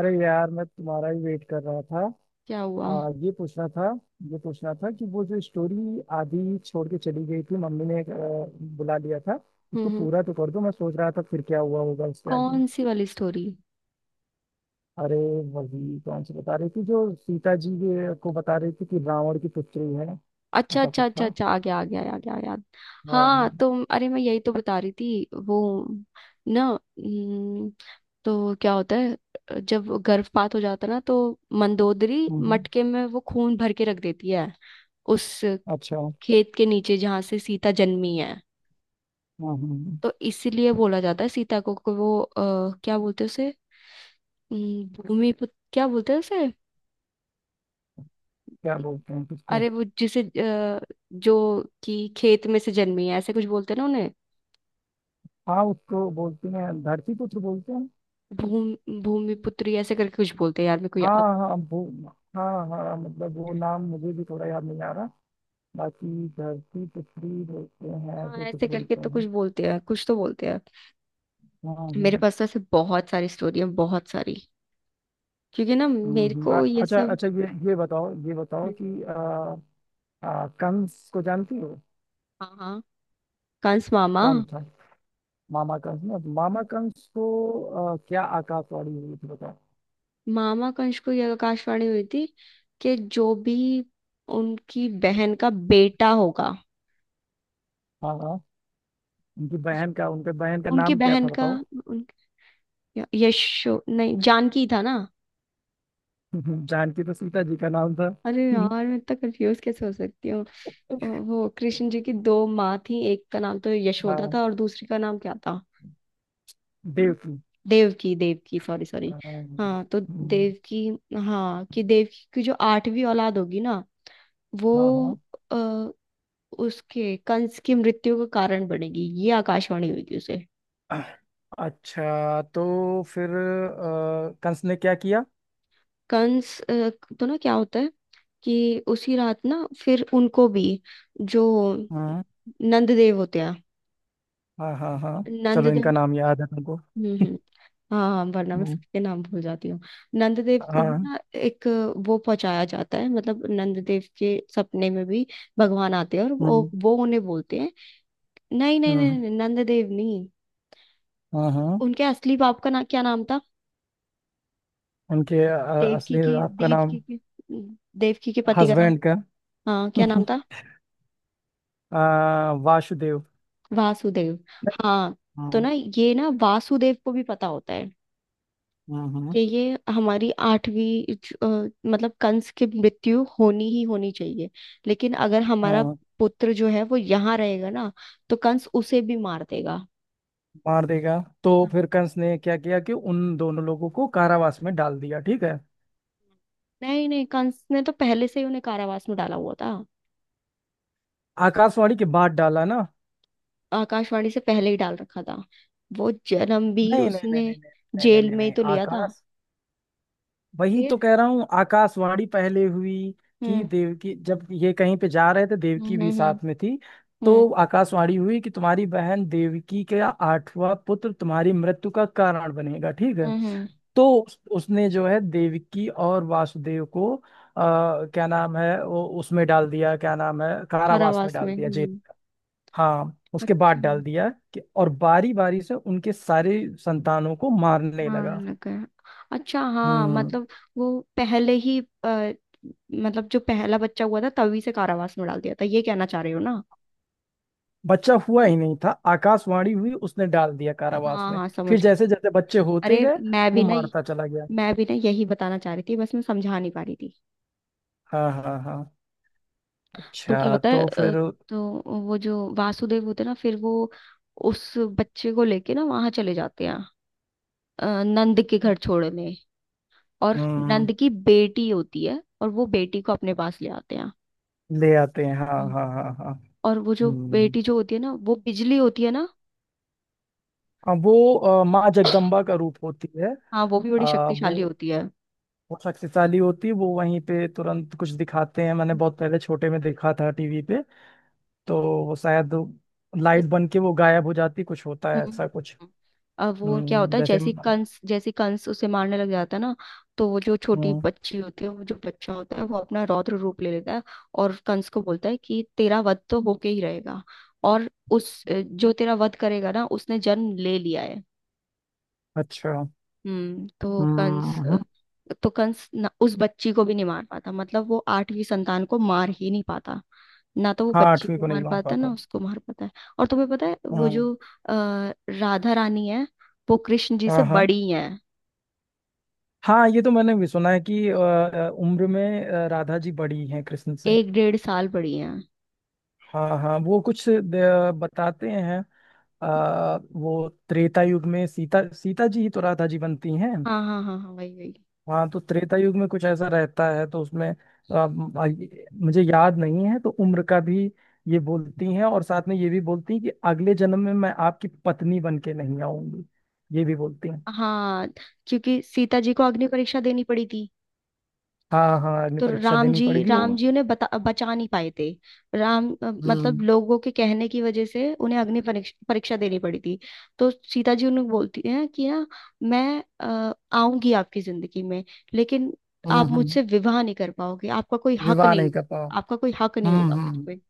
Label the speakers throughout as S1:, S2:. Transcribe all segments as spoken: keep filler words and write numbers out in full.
S1: अरे यार, मैं तुम्हारा ही वेट कर रहा था।
S2: क्या हुआ? हम्म
S1: आ, ये पूछना था। ये पूछना था कि वो जो स्टोरी आधी छोड़ के चली गई थी, मम्मी ने अ, बुला लिया था, उसको
S2: हम्म।
S1: पूरा तो कर दो। मैं सोच रहा था फिर क्या हुआ होगा उसके आगे।
S2: कौन सी वाली स्टोरी?
S1: अरे वही, कौन सी बता रही थी, जो सीता जी के- को बता रही थी कि रावण की पुत्री है।
S2: अच्छा,
S1: ऐसा
S2: अच्छा,
S1: कुछ
S2: अच्छा,
S1: था।
S2: अच्छा। आ गया, आ गया, आ गया याद।
S1: हाँ
S2: हाँ
S1: हाँ।
S2: तो अरे, मैं यही तो बता रही थी वो ना। हम्म, तो क्या होता है, जब गर्भपात हो जाता है ना, तो मंदोदरी
S1: हम्म, हम्म,
S2: मटके में वो खून भर के रख देती है, उस
S1: अच्छा हाँ।
S2: खेत के नीचे जहां से सीता जन्मी है।
S1: हाँ हाँ।
S2: तो इसीलिए बोला जाता है सीता को, को वो आ, क्या बोलते हैं उसे? हम्म, भूमि पुत्र, क्या बोलते हैं उसे?
S1: क्या बोलते हैं किसको?
S2: अरे वो जिसे अ, जो कि खेत में से जन्मी है, ऐसे कुछ बोलते हैं ना उन्हें।
S1: हाँ, उसको बोलते हैं धरती पुत्र बोलते हैं।
S2: भूमि भूमि पुत्री, ऐसे करके कुछ बोलते हैं यार, मेरे को याद।
S1: हाँ हाँ वो। हाँ हाँ, मतलब वो नाम मुझे भी थोड़ा याद नहीं आ रहा। बाकी धरती पृथ्वी बोलते हैं,
S2: हाँ,
S1: ऐसे कुछ
S2: ऐसे करके
S1: बोलते
S2: तो कुछ
S1: हैं।
S2: बोलते हैं, कुछ तो बोलते हैं।
S1: हाँ
S2: मेरे
S1: हाँ।
S2: पास तो ऐसे बहुत सारी स्टोरी है, बहुत सारी। क्योंकि ना
S1: हम्म
S2: मेरे
S1: हम्म। अ-
S2: को ये
S1: अच्छा
S2: सब।
S1: अच्छा, ये ये बताओ, ये बताओ कि आ, आ, कंस को जानती हो?
S2: हाँ, हाँ। कंस मामा।
S1: कौन था? मामा कंस ना, मामा कंस को आ, क्या आकाशवाणी हुई थी बताओ।
S2: मामा कंस को यह आकाशवाणी हुई थी कि जो भी उनकी बहन का बेटा होगा।
S1: हाँ हाँ, उनकी बहन का, उनके बहन का
S2: उनकी
S1: नाम क्या
S2: बहन
S1: था
S2: का
S1: बताओ।
S2: उन, यशो नहीं, जानकी था ना।
S1: जानकी तो सीता जी का नाम था।
S2: अरे यार, मैं इतना कंफ्यूज कैसे हो सकती हूँ? अ, वो कृष्ण जी की दो माँ थी, एक का नाम तो यशोदा
S1: हाँ,
S2: था और दूसरी का नाम क्या था?
S1: देवकी।
S2: देवकी, देवकी। Sorry, sorry.
S1: हाँ हाँ, हाँ।
S2: हाँ तो
S1: हम्म,
S2: देवकी। हाँ कि देवकी की जो आठवीं औलाद होगी ना, वो
S1: हाँ हाँ।
S2: अ, उसके, कंस की मृत्यु का कारण बनेगी, ये आकाशवाणी हुई थी उसे।
S1: अच्छा, तो फिर अ, कंस ने क्या किया?
S2: कंस अ, तो ना क्या होता है, कि उसी रात ना, फिर उनको भी, जो
S1: हाँ
S2: नंद देव होते हैं।
S1: हाँ हाँ हाँ।
S2: नंद
S1: चलो, इनका
S2: देव।
S1: नाम याद है तुमको।
S2: हम्म, हम्म। हाँ, हाँ, वरना मैं
S1: हम्म,
S2: सबके नाम भूल जाती हूँ। नंददेव को भी
S1: हाँ।
S2: ना एक, वो पहुंचाया जाता है, मतलब नंददेव के सपने में भी भगवान आते हैं और
S1: हम्म
S2: वो वो उन्हें बोलते हैं। नहीं, नहीं,
S1: हम्म,
S2: नहीं, नहीं, नंददेव नहीं।
S1: हाँ हाँ।
S2: उनके असली बाप का ना क्या नाम था?
S1: उनके अ,
S2: देवकी
S1: असली
S2: की,
S1: आपका नाम।
S2: देवकी की, देवकी के पति का नाम।
S1: हस्बैंड का।
S2: हाँ, क्या नाम था?
S1: अ, वासुदेव।
S2: वासुदेव। हाँ तो
S1: हम्म
S2: ना, ये ना वासुदेव को भी पता होता है,
S1: हम्म,
S2: कि ये हमारी आठवीं ज- अ, मतलब कंस की मृत्यु होनी ही होनी चाहिए, लेकिन अगर
S1: हाँ
S2: हमारा
S1: हाँ,
S2: पुत्र जो है वो यहाँ रहेगा ना, तो कंस उसे भी मार देगा।
S1: मार देगा। तो फिर कंस ने क्या किया कि उन दोनों लोगों को कारावास में डाल दिया, ठीक है।
S2: नहीं, नहीं, कंस ने तो पहले से ही उन्हें कारावास में डाला हुआ था।
S1: आकाशवाणी के बाद डाला ना।
S2: आकाशवाणी से पहले ही डाल रखा था, वो जन्म भी
S1: नहीं नहीं नहीं
S2: उसने
S1: नहीं नहीं नहीं नहीं
S2: जेल
S1: नहीं
S2: में ही
S1: नहीं,
S2: तो लिया था।
S1: आकाश वही
S2: फिर।
S1: तो कह रहा हूँ, आकाशवाणी पहले हुई कि
S2: हम्म,
S1: देवकी, जब ये कहीं पे जा रहे थे, देवकी
S2: हम्म,
S1: भी
S2: हम्म,
S1: साथ में थी,
S2: हम्म,
S1: तो आकाशवाणी हुई कि तुम्हारी बहन देवकी का आठवां पुत्र तुम्हारी मृत्यु का कारण बनेगा, ठीक है।
S2: हम्म, हम्म।
S1: तो उस- उसने जो है, देवकी और वासुदेव को आ, क्या नाम है वो, उसमें डाल दिया, क्या नाम है, कारावास में
S2: कारावास
S1: डाल
S2: में।
S1: दिया, जेल।
S2: हम्म।
S1: हाँ, उसके बाद
S2: अच्छा।
S1: डाल दिया कि, और बारी बारी से उनके सारे संतानों को मारने लगा।
S2: मारने लगे। अच्छा, हाँ,
S1: हम्म।
S2: मतलब वो पहले ही अ, मतलब जो पहला बच्चा हुआ था तभी से कारावास में डाल दिया था, ये कहना चाह रहे हो ना?
S1: बच्चा हुआ ही नहीं था, आकाशवाणी हुई, उसने डाल दिया कारावास
S2: हाँ,
S1: में।
S2: हाँ, समझ
S1: फिर
S2: गई।
S1: जैसे जैसे बच्चे होते
S2: अरे
S1: गए,
S2: मैं
S1: वो
S2: भी ना
S1: मारता चला गया।
S2: मैं भी ना यही बताना चाह रही थी, बस मैं समझा नहीं पा रही थी।
S1: हाँ हाँ हाँ।
S2: तो क्या
S1: अच्छा,
S2: होता है?
S1: तो
S2: अ,
S1: फिर।
S2: तो वो जो वासुदेव होते हैं ना, फिर वो उस बच्चे को लेके ना वहां चले जाते हैं, अ, नंद के घर छोड़ने। और
S1: हम्म,
S2: नंद की बेटी होती है और वो बेटी को अपने पास ले आते
S1: ले आते हैं। हाँ
S2: हैं।
S1: हाँ हाँ हाँ।
S2: और वो जो
S1: हम्म,
S2: बेटी जो होती है ना, वो बिजली होती है ना।
S1: अब वो अ, माँ जगदम्बा का रूप होती है।
S2: हाँ, वो भी बड़ी
S1: आ, वो
S2: शक्तिशाली होती है
S1: बहुत शक्तिशाली होती है। वो वहीं पे तुरंत कुछ दिखाते हैं, मैंने बहुत पहले छोटे में देखा था टीवी पे। तो वो शायद लाइट
S2: वो।
S1: बन के वो गायब हो जाती, कुछ होता
S2: हम्म,
S1: है
S2: हम्म,
S1: ऐसा कुछ।
S2: हम्म। अब वो क्या
S1: हम्म,
S2: होता है,
S1: जैसे।
S2: जैसी कंस जैसी कंस उसे मारने लग जाता है ना। तो वो जो छोटी
S1: हम्म,
S2: बच्ची होती है, वो जो बच्चा होता है, वो अपना रौद्र रूप ले लेता है। और कंस को बोलता है कि तेरा वध तो होके ही रहेगा। और उस अ, जो तेरा वध करेगा ना, उसने जन्म ले लिया है।
S1: अच्छा।
S2: हम्म तो
S1: हम्म
S2: कंस
S1: हम्म,
S2: तो कंस न, उस बच्ची को भी नहीं मार पाता, मतलब वो आठवीं संतान को मार ही नहीं पाता। ना तो वो
S1: हाँ
S2: बच्ची
S1: आठवीं
S2: को
S1: को नहीं
S2: मार
S1: मार
S2: पाता है, ना
S1: पाता।
S2: उसको मार पाता है। और तुम्हें पता है वो
S1: हम्म।
S2: जो अ, राधा रानी है, वो कृष्ण जी से
S1: हाँ हाँ
S2: बड़ी हैं।
S1: हाँ, ये तो मैंने भी सुना है कि अ, उम्र में अ, राधा जी बड़ी हैं कृष्ण से।
S2: एक डेढ़ साल बड़ी हैं।
S1: हाँ हाँ, वो कुछ द- बताते हैं। अ, वो त्रेता युग में सीता, सीता जी ही तो राधा जी बनती हैं।
S2: हाँ, हाँ, हाँ, हाँ, वही, वही।
S1: हाँ, तो त्रेता युग में कुछ ऐसा रहता है, तो उसमें अ, म- आ- मुझे याद नहीं है तो उम्र का भी। ये बोलती हैं, और साथ में ये भी बोलती हैं कि अगले जन्म में मैं आपकी पत्नी बन के नहीं आऊंगी, ये भी बोलती हैं।
S2: हाँ, क्योंकि सीता जी को अग्नि परीक्षा देनी पड़ी थी।
S1: हाँ हाँ, अग्नि
S2: तो
S1: परीक्षा
S2: राम
S1: देनी
S2: जी,
S1: पड़ेगी वो।
S2: राम जी उन्हें बता, बचा नहीं पाए थे। राम अ, मतलब
S1: हम्म
S2: लोगों के कहने की वजह से उन्हें अग्नि परीक्ष- परीक्षा देनी पड़ी थी। तो सीता जी उन्हें बोलती हैं कि ना, मैं अ, आऊंगी आपकी जिंदगी में, लेकिन आप
S1: हम्म। हम्म,
S2: मुझसे विवाह नहीं कर पाओगे, आपका कोई हक
S1: विवाह
S2: नहीं।
S1: नहीं कर पाओ।
S2: आपका कोई हक नहीं होगा
S1: हम्म
S2: मुझ
S1: हम्म।
S2: पे।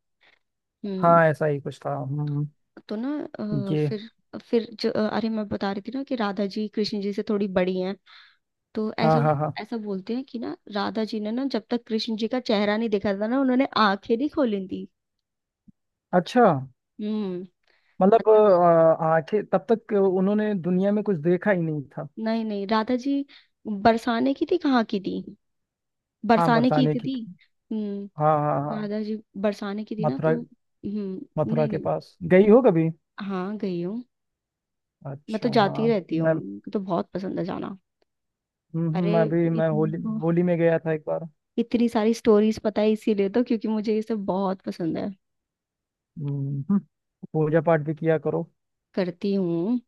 S2: हम्म।
S1: हाँ, ऐसा ही कुछ था। हम्म।
S2: तो ना, अ,
S1: ये।
S2: फिर फिर जो, अरे मैं बता रही थी ना कि राधा जी कृष्ण जी से थोड़ी बड़ी हैं। तो
S1: हाँ
S2: ऐसा
S1: हाँ हाँ।
S2: ऐसा बोलते हैं कि ना, राधा जी ने ना, जब तक कृष्ण जी का चेहरा नहीं देखा था ना, उन्होंने आंखें नहीं खोली थी।
S1: अच्छा,
S2: हम्म।
S1: मतलब
S2: मतलब,
S1: अ, आंखें तब तक उन्होंने दुनिया में कुछ देखा ही नहीं था।
S2: नहीं, नहीं, राधा जी, बरसाने की थी, कहाँ की थी?
S1: हाँ,
S2: बरसाने की
S1: बरसाने
S2: थी
S1: की
S2: थी
S1: थी।
S2: हम्म।
S1: हाँ हाँ हाँ।
S2: राधा जी बरसाने की थी ना,
S1: मथुरा।
S2: तो हम्म
S1: मथुरा
S2: नहीं,
S1: के
S2: नहीं।
S1: पास गई हो कभी?
S2: हाँ, गई हूँ। मैं तो
S1: अच्छा,
S2: जाती
S1: हाँ
S2: रहती हूँ,
S1: मैं।
S2: मुझे तो बहुत पसंद है जाना।
S1: हम्म, हम्म,
S2: अरे,
S1: मैं भी, मैं
S2: इतनी
S1: होली,
S2: तो
S1: होली में गया था एक बार।
S2: इतनी सारी स्टोरीज पता है, इसीलिए तो, क्योंकि मुझे ये सब बहुत पसंद है।
S1: हम्म, हम्म, पूजा पाठ भी किया करो।
S2: करती हूँ।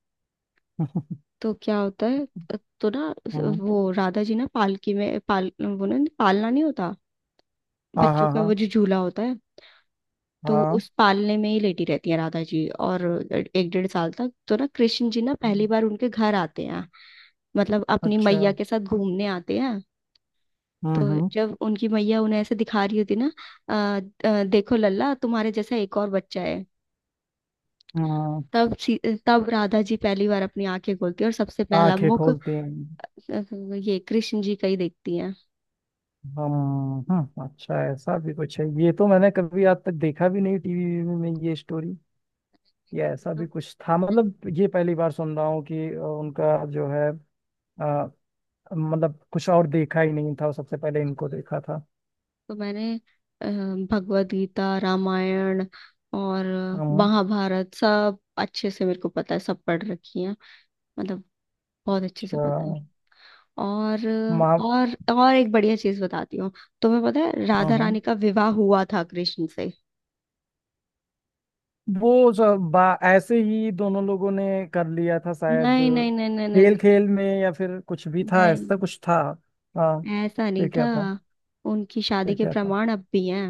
S2: तो क्या होता है? तो ना,
S1: हम्म।
S2: वो राधा जी ना पालकी में पाल वो ना, पालना नहीं होता?
S1: हाँ
S2: बच्चों
S1: हाँ
S2: का वो
S1: हाँ
S2: जो झूला होता है। तो
S1: हाँ।
S2: उस पालने में ही लेटी रहती है राधा जी, और एक डेढ़ साल तक। तो ना, कृष्ण जी ना पहली
S1: हम्म,
S2: बार उनके घर आते हैं, मतलब अपनी
S1: अच्छा।
S2: मैया के साथ घूमने आते हैं।
S1: हम्म
S2: तो
S1: हम्म।
S2: जब उनकी मैया उन्हें ऐसे दिखा रही होती ना, "आ, आ, देखो लल्ला, तुम्हारे जैसा एक और बच्चा है।"
S1: हाँ,
S2: तब सी- तब राधा जी पहली बार अपनी आंखें खोलती है, और सबसे पहला
S1: आंखें
S2: मुख अ,
S1: खोलते हैं।
S2: ये कृष्ण जी का ही देखती
S1: हम। हम्म, अच्छा, ऐसा भी कुछ है? ये तो मैंने कभी आज तक देखा भी नहीं टीवी में ये स्टोरी, या ऐसा भी
S2: है।
S1: कुछ था। मतलब ये पहली बार सुन रहा हूँ कि अ, उनका जो है अ, मतलब कुछ और देखा ही नहीं था, सबसे पहले इनको देखा था।
S2: तो मैंने अ, भगवत गीता, रामायण और
S1: हम्म,
S2: महाभारत सब अच्छे से मेरे को पता है, सब पढ़ रखी हैं। मतलब बहुत अच्छे से
S1: अच्छा।
S2: पता है। और
S1: माँ।
S2: और और एक बढ़िया चीज बताती हूँ। तुम्हें पता है
S1: हाँ
S2: राधा रानी
S1: हाँ।
S2: का विवाह हुआ था कृष्ण से?
S1: वो सब बा- ऐसे ही दोनों लोगों ने कर लिया था शायद,
S2: नहीं, नहीं, नहीं, नहीं, नहीं,
S1: खेल खेल में, या फिर कुछ भी था, ऐसा
S2: नहीं,
S1: कुछ था। हाँ।
S2: नहीं, ऐसा नहीं
S1: फिर
S2: था।
S1: क्या था?
S2: उनकी शादी
S1: फिर
S2: के
S1: क्या था?
S2: प्रमाण अब भी हैं।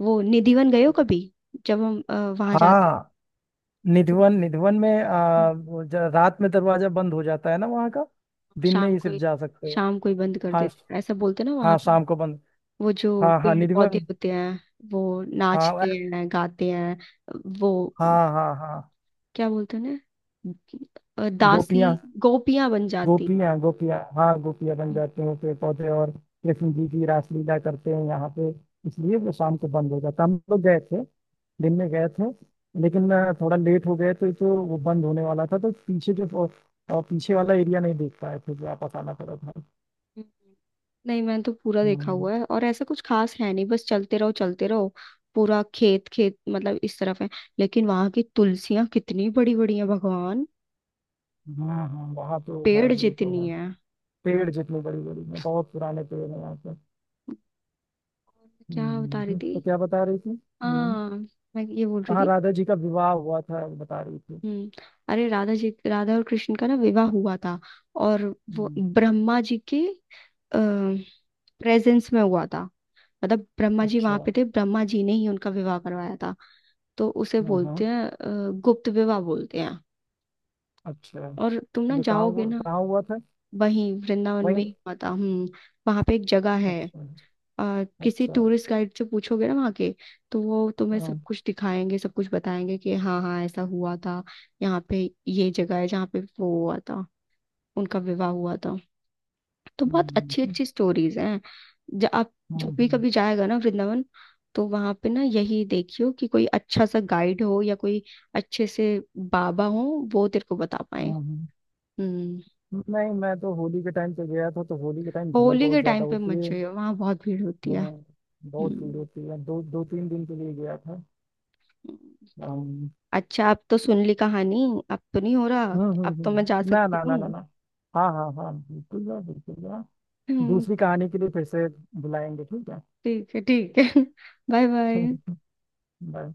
S2: वो निधिवन गए हो कभी? जब हम वहां जाते,
S1: हाँ,
S2: तो
S1: निधिवन। निधिवन में आ,
S2: हम
S1: वो ज- रात में दरवाजा बंद हो जाता है ना वहाँ का। दिन में
S2: शाम
S1: ही
S2: को
S1: सिर्फ
S2: ही-
S1: जा सकते हो।
S2: शाम को ही बंद कर
S1: हाँ श-
S2: देते, ऐसा बोलते ना
S1: हाँ,
S2: वहां।
S1: शाम को बंद।
S2: वो जो
S1: हाँ हाँ,
S2: पेड़ पौधे
S1: निधिवन।
S2: होते हैं, वो
S1: हाँ
S2: नाचते
S1: अ-
S2: हैं, गाते हैं। वो
S1: हाँ हाँ हाँ।
S2: क्या बोलते हैं ना, दासी,
S1: गोपियाँ।
S2: गोपियां बन जाती।
S1: गोपियाँ, गोपियाँ, हाँ गोपियाँ बन
S2: हम्म।
S1: जाती हैं पेड़ पौधे, और कृष्ण जी की रासलीला करते हैं यहाँ पे। इसलिए वो शाम को बंद हो जाता। हम लोग गए थे, दिन में गए थे, लेकिन आ, थोड़ा लेट हो गए, तो तो वो बंद होने वाला था। तो पीछे जो, और पीछे वाला एरिया नहीं देख पाए थे, जो आप बताना पड़ा था।
S2: नहीं, मैंने तो पूरा देखा
S1: हम्म।
S2: हुआ है और ऐसा कुछ खास है नहीं, बस चलते रहो, चलते रहो। पूरा खेत, खेत मतलब इस तरफ है। लेकिन वहां की तुलसियां कितनी बड़ी बड़ी हैं भगवान!
S1: हाँ हाँ, वहाँ तो है,
S2: पेड़
S1: ये तो
S2: जितनी
S1: है।
S2: है।
S1: पेड़ जितने बड़ी बड़ी हैं, बहुत पुराने पेड़ हैं यहाँ पे।
S2: क्या
S1: हम्म
S2: बता रही
S1: हम्म, तो
S2: थी?
S1: क्या बता रही थी? हम्म।
S2: हाँ, मैं ये बोल रही
S1: हाँ,
S2: थी।
S1: राधा जी का विवाह हुआ था, वो बता रही थी।
S2: हम्म। अरे, राधा जी राधा और कृष्ण का ना विवाह हुआ था। और वो
S1: हम्म,
S2: ब्रह्मा जी के प्रेजेंस में हुआ था, मतलब ब्रह्मा जी वहां
S1: अच्छा।
S2: पे थे, ब्रह्मा जी ने ही उनका विवाह करवाया था। तो उसे
S1: हाँ हाँ,
S2: बोलते हैं अ, गुप्त विवाह बोलते हैं।
S1: अच्छा,
S2: और तुम ना
S1: ये कहाँ
S2: जाओगे
S1: हुआ,
S2: ना,
S1: कहाँ हुआ था?
S2: वहीं वृंदावन में
S1: वहीं।
S2: ही हुआ था। हम्म। वहां पे एक जगह है।
S1: अच्छा।
S2: अ, किसी
S1: अच्छा।
S2: टूरिस्ट गाइड से पूछोगे ना वहाँ के, तो वो तुम्हें सब
S1: हाँ।
S2: कुछ दिखाएंगे, सब कुछ बताएंगे कि हाँ, हाँ, ऐसा हुआ था। यहाँ पे ये जगह है जहाँ पे वो हुआ था, उनका विवाह हुआ था। तो बहुत
S1: हम्म,
S2: अच्छी
S1: हम्म,
S2: अच्छी स्टोरीज हैं। जब आप
S1: हाँ
S2: जब भी
S1: हाँ
S2: कभी जाएगा ना वृंदावन, तो वहां पे ना यही देखियो कि कोई अच्छा सा गाइड हो या कोई अच्छे से बाबा हो, वो तेरे को बता पाए।
S1: हाँ, हाँ।
S2: हम्म।
S1: नहीं, मैं तो होली के टाइम पे गया था, तो होली के टाइम भीड़
S2: होली
S1: बहुत
S2: के
S1: ज्यादा
S2: टाइम पे
S1: होती
S2: मत
S1: है।
S2: जाइयो वहां, बहुत भीड़ होती है।
S1: हाँ, बहुत भीड़
S2: हम्म,
S1: होती है, दो दो तीन दिन के लिए गया
S2: हम्म।
S1: था।
S2: अच्छा, अब तो सुन ली कहानी। अब तो नहीं हो रहा।
S1: हम्म हम्म
S2: अब
S1: हम्म।
S2: तो मैं जा
S1: हम्म। ना
S2: सकती
S1: ना ना ना
S2: हूँ।
S1: ना। हाँ हाँ हाँ हाँ, बिल्कुल यार, बिल्कुल यार।
S2: हम्म,
S1: दूसरी कहानी के लिए फिर से बुलाएंगे, ठीक है।
S2: ठीक है, ठीक है। Bye, bye.
S1: बाय।